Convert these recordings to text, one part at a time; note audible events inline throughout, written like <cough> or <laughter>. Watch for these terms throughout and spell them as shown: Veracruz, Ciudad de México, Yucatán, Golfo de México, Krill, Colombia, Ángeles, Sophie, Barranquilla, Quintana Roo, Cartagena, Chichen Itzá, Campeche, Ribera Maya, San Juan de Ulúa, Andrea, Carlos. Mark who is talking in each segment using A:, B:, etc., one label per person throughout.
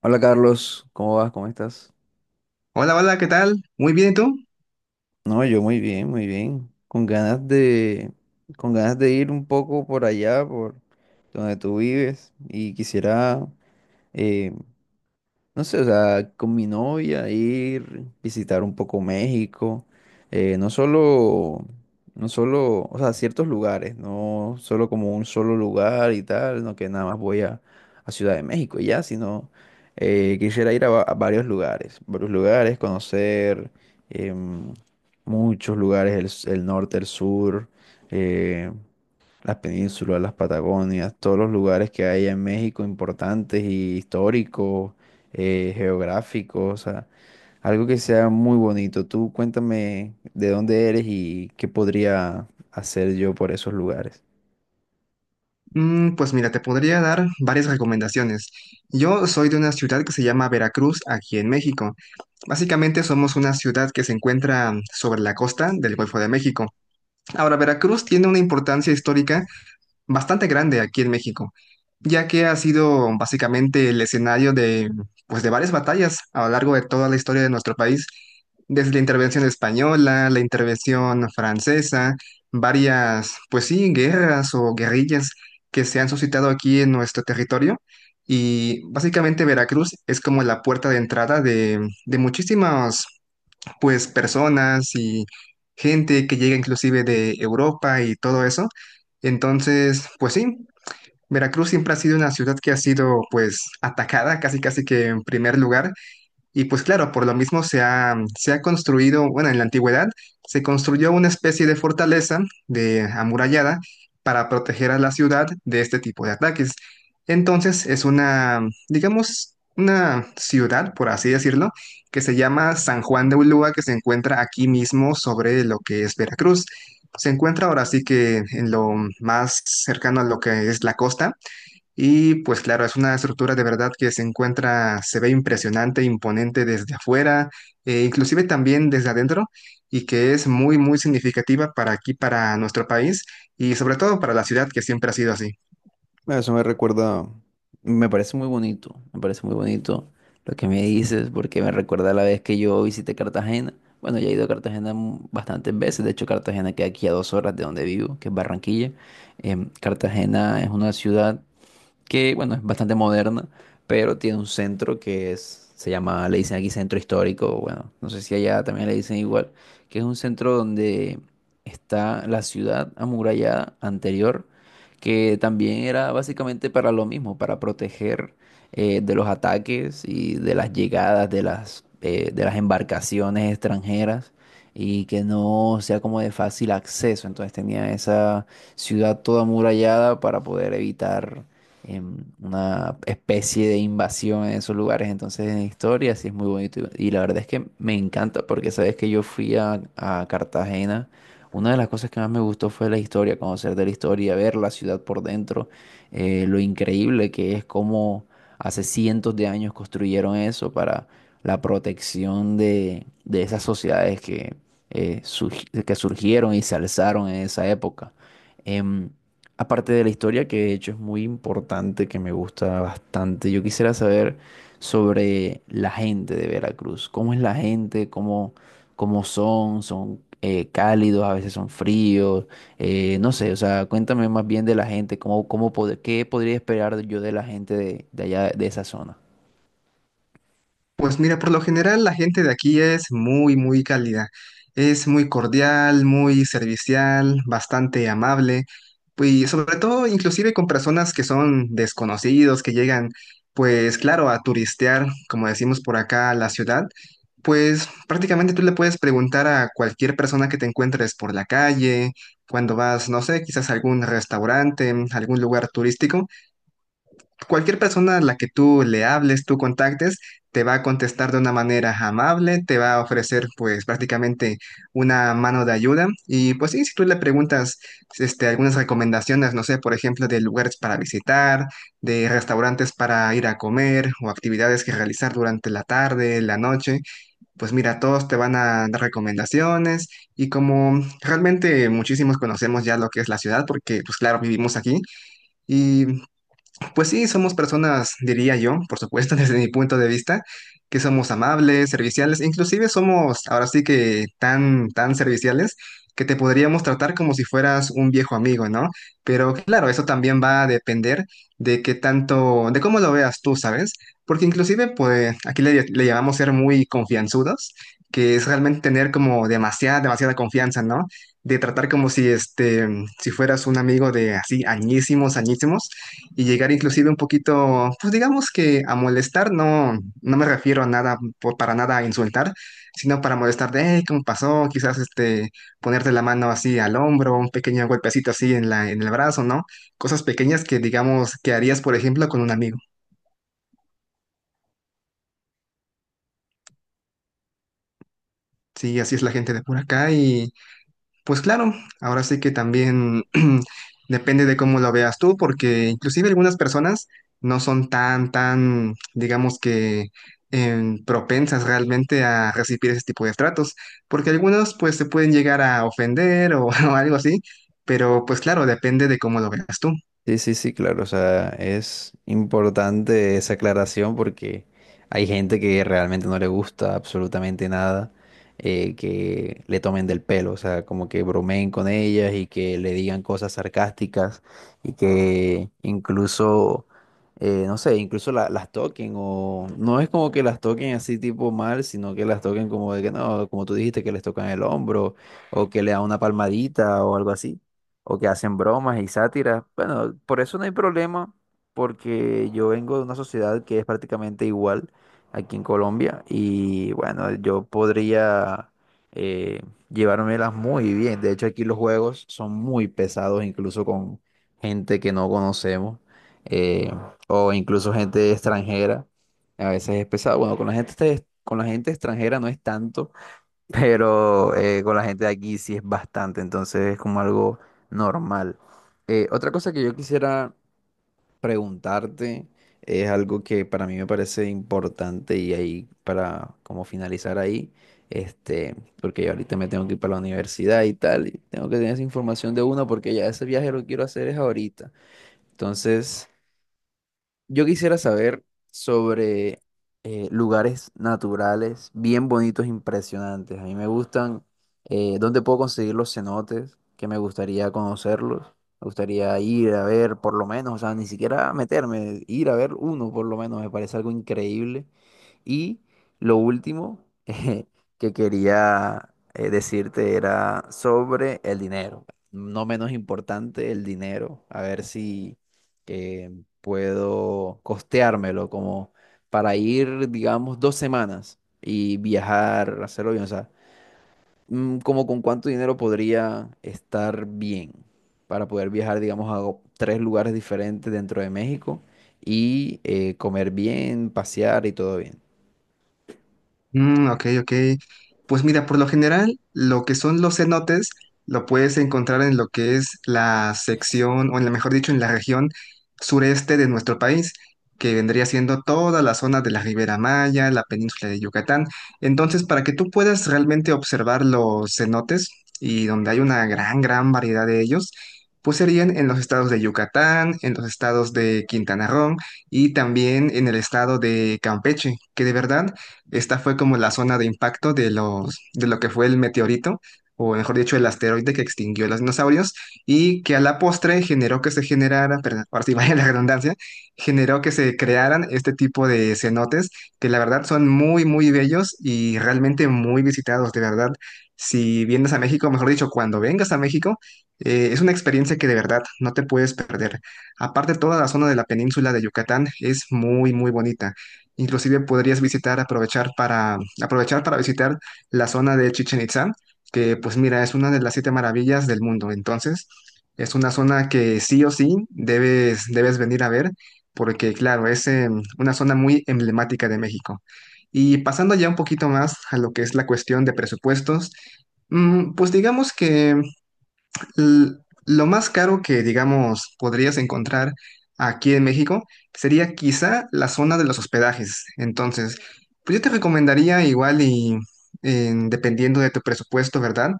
A: Hola Carlos, ¿cómo vas? ¿Cómo estás?
B: Hola, hola, ¿qué tal? Muy bien, ¿y tú?
A: No, yo muy bien, muy bien. Con ganas de ir un poco por allá, por donde tú vives, y quisiera eh, no sé, o sea, con mi novia ir, visitar un poco México. No solo, no solo, o sea, ciertos lugares, no solo como un solo lugar y tal, no que nada más voy a Ciudad de México y ya, sino quisiera ir a varios lugares, conocer em, muchos lugares, el norte, el sur, eh, las penínsulas, las Patagonias, todos los lugares que hay en México importantes y históricos, geográficos, o sea, algo que sea muy bonito. Tú cuéntame de dónde eres y qué podría hacer yo por esos lugares.
B: Pues mira, te podría dar varias recomendaciones. Yo soy de una ciudad que se llama Veracruz, aquí en México. Básicamente somos una ciudad que se encuentra sobre la costa del Golfo de México. Ahora, Veracruz tiene una importancia histórica bastante grande aquí en México, ya que ha sido básicamente el escenario de, pues, de varias batallas a lo largo de toda la historia de nuestro país, desde la intervención española, la intervención francesa, varias, pues sí, guerras o guerrillas que se han suscitado aquí en nuestro territorio. Y básicamente Veracruz es como la puerta de entrada de muchísimas pues personas y gente que llega inclusive de Europa y todo eso. Entonces, pues sí, Veracruz siempre ha sido una ciudad que ha sido pues atacada casi casi que en primer lugar y pues claro, por lo mismo se ha construido, bueno, en la antigüedad se construyó una especie de fortaleza de amurallada para proteger a la ciudad de este tipo de ataques. Entonces es una, digamos, una ciudad, por así decirlo, que se llama San Juan de Ulúa, que se encuentra aquí mismo sobre lo que es Veracruz. Se encuentra ahora sí que en lo más cercano a lo que es la costa y pues claro, es una estructura de verdad que se encuentra, se ve impresionante, imponente desde afuera, e inclusive también desde adentro, y que es muy, muy significativa para aquí, para nuestro país, y sobre todo para la ciudad que siempre ha sido así.
A: Eso me recuerda, me parece muy bonito, me parece muy bonito lo que me dices, porque me recuerda la vez que yo visité Cartagena. Bueno, ya he ido a Cartagena bastantes veces. De hecho, Cartagena queda aquí a 2 horas de donde vivo, que es Barranquilla. Cartagena es una ciudad que, bueno, es bastante moderna, pero tiene un centro que es, se llama, le dicen aquí centro histórico. Bueno, no sé si allá también le dicen igual, que es un centro donde está la ciudad amurallada anterior, que también era básicamente para lo mismo, para proteger de los ataques y de las llegadas de las embarcaciones extranjeras, y que no sea como de fácil acceso. Entonces tenía esa ciudad toda amurallada para poder evitar una especie de invasión en esos lugares. Entonces, en historia sí es muy bonito. Y la verdad es que me encanta, porque sabes que yo fui a Cartagena. Una de las cosas que más me gustó fue la historia, conocer de la historia, ver la ciudad por dentro, lo increíble que es cómo hace cientos de años construyeron eso para la protección de esas sociedades que que surgieron y se alzaron en esa época. Em, Aparte de la historia, que de hecho es muy importante, que me gusta bastante, yo quisiera saber sobre la gente de Veracruz. ¿Cómo es la gente? ¿Cómo son? ¿Son cálidos? ¿A veces son fríos? No sé, o sea, cuéntame más bien de la gente, qué podría esperar yo de la gente de allá, de esa zona.
B: Pues mira, por lo general la gente de aquí es muy, muy cálida. Es muy cordial, muy servicial, bastante amable. Y sobre todo, inclusive con personas que son desconocidos, que llegan, pues claro, a turistear, como decimos por acá, a la ciudad. Pues prácticamente tú le puedes preguntar a cualquier persona que te encuentres por la calle, cuando vas, no sé, quizás a algún restaurante, algún lugar turístico cualquier persona a la que tú le hables, tú contactes, te va a contestar de una manera amable, te va a ofrecer pues prácticamente una mano de ayuda. Y pues sí, si tú le preguntas este, algunas recomendaciones, no sé, por ejemplo, de lugares para visitar, de restaurantes para ir a comer o actividades que realizar durante la tarde, la noche, pues mira, todos te van a dar recomendaciones. Y como realmente muchísimos conocemos ya lo que es la ciudad, porque pues claro, vivimos aquí. Y pues sí, somos personas, diría yo, por supuesto, <laughs> desde mi punto de vista, que somos amables, serviciales, inclusive somos ahora sí que tan, tan serviciales que te podríamos tratar como si fueras un viejo amigo, ¿no? Pero claro, eso también va a depender de qué tanto, de cómo lo veas tú, ¿sabes? Porque inclusive, pues, aquí le llamamos ser muy confianzudos, que es realmente tener como demasiada, demasiada confianza, ¿no? De tratar como si fueras un amigo de así, añísimos, añísimos y llegar inclusive un poquito, pues digamos que a molestar, no, no me refiero a nada, para nada a insultar, sino para molestar de, "Ey, ¿cómo pasó?" Quizás este, ponerte la mano así al hombro, un pequeño golpecito así en la, en el brazo, ¿no? Cosas pequeñas que digamos que harías, por ejemplo, con un amigo. Sí, así es la gente de por acá. Y pues claro, ahora sí que también <clears throat> depende de cómo lo veas tú, porque inclusive algunas personas no son tan, tan, digamos que propensas realmente a recibir ese tipo de tratos, porque algunos pues se pueden llegar a ofender o, <laughs> o algo así, pero pues claro, depende de cómo lo veas tú.
A: Sí, sí, sí, claro. O sea, es importante esa aclaración porque hay gente que realmente no le gusta absolutamente nada que le tomen del pelo, o sea, como que bromeen con ellas y que le digan cosas sarcásticas, y que incluso no sé, incluso las toquen. O no es como que las toquen así tipo mal, sino que las toquen como de que no, como tú dijiste, que les tocan el hombro, o que le dan una palmadita o algo así, o que hacen bromas y sátiras. Bueno, por eso no hay problema, porque yo vengo de una sociedad que es prácticamente igual aquí en Colombia, y bueno, yo podría eh, llevármelas muy bien. De hecho, aquí los juegos son muy pesados, incluso con gente que no conocemos, eh, o incluso gente extranjera. A veces es pesado. Bueno, con la gente extranjera no es tanto, pero con la gente de aquí sí es bastante, entonces es como algo normal. Otra cosa que yo quisiera preguntarte es algo que para mí me parece importante, y ahí para como finalizar ahí, este, porque yo ahorita me tengo que ir para la universidad y tal, y tengo que tener esa información de uno porque ya ese viaje lo quiero hacer es ahorita. Entonces, yo quisiera saber sobre lugares naturales bien bonitos, impresionantes. A mí me gustan. ¿ Dónde puedo conseguir los cenotes, que me gustaría conocerlos? Me gustaría ir a ver por lo menos, o sea, ni siquiera meterme, ir a ver uno por lo menos, me parece algo increíble. Y lo último <laughs> que quería decirte era sobre el dinero. No menos importante, el dinero. A ver si eh, puedo costeármelo como para ir, digamos, 2 semanas y viajar, hacerlo bien. O sea, como con cuánto dinero podría estar bien para poder viajar, digamos, a tres lugares diferentes dentro de México, y comer bien, pasear y todo bien.
B: Mm, ok, ok. Pues mira, por lo general, lo que son los cenotes lo puedes encontrar en lo que es la sección, o en la, mejor dicho, en la región sureste de nuestro país, que vendría siendo toda la zona de la Ribera Maya, la península de Yucatán. Entonces, para que tú puedas realmente observar los cenotes, y donde hay una gran, gran variedad de ellos, pues serían en los estados de Yucatán, en los estados de Quintana Roo y también en el estado de Campeche, que de verdad... Esta fue como la zona de impacto de lo que fue el meteorito, o mejor dicho, el asteroide que extinguió a los dinosaurios y que a la postre generó que se generara, perdón, ahora sí <laughs> vaya la redundancia, generó que se crearan este tipo de cenotes que la verdad son muy, muy bellos y realmente muy visitados, de verdad. Si vienes a México, mejor dicho, cuando vengas a México, es una experiencia que de verdad no te puedes perder. Aparte, toda la zona de la península de Yucatán es muy, muy bonita. Inclusive podrías visitar, aprovechar para visitar la zona de Chichen Itzá, que pues mira, es una de las siete maravillas del mundo. Entonces, es una zona que sí o sí debes venir a ver, porque claro, es una zona muy emblemática de México. Y pasando ya un poquito más a lo que es la cuestión de presupuestos, pues digamos que L- Lo más caro que, digamos, podrías encontrar aquí en México sería quizá la zona de los hospedajes. Entonces, pues yo te recomendaría igual y dependiendo de tu presupuesto, ¿verdad?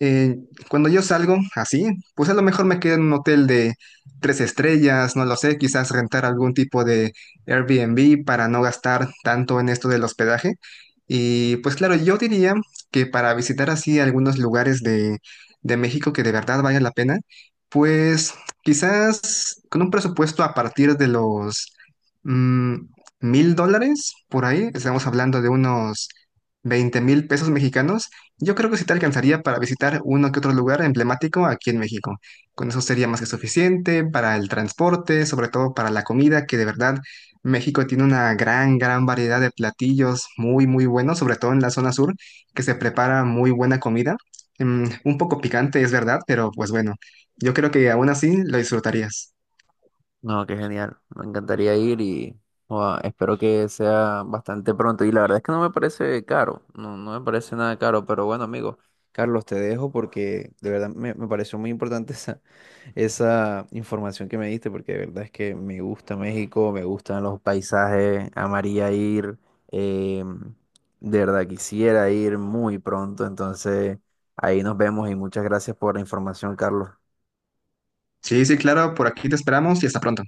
B: Eh, cuando yo salgo así, pues a lo mejor me quedo en un hotel de 3 estrellas, no lo sé, quizás rentar algún tipo de Airbnb para no gastar tanto en esto del hospedaje. Y pues claro, yo diría que para visitar así algunos lugares de México que de verdad valga la pena, pues quizás con un presupuesto a partir de los mm, $1,000 por ahí, estamos hablando de unos 20,000 pesos mexicanos, yo creo que sí te alcanzaría para visitar uno que otro lugar emblemático aquí en México. Con eso sería más que suficiente para el transporte, sobre todo para la comida, que de verdad México tiene una gran, gran variedad de platillos muy, muy buenos, sobre todo en la zona sur, que se prepara muy buena comida. Mm, un poco picante, es verdad, pero pues bueno, yo creo que aún así lo disfrutarías.
A: No, qué genial. Me encantaría ir y joda, espero que sea bastante pronto. Y la verdad es que no me parece caro, no, no me parece nada caro, pero bueno, amigo Carlos, te dejo porque de verdad me pareció muy importante <laughs> esa información que me diste, porque de verdad es que me gusta México, me gustan los paisajes, amaría ir. eh, de verdad quisiera ir muy pronto, entonces ahí nos vemos, y muchas gracias por la información, Carlos.
B: Sí, sí, claro, por aquí te esperamos y hasta pronto.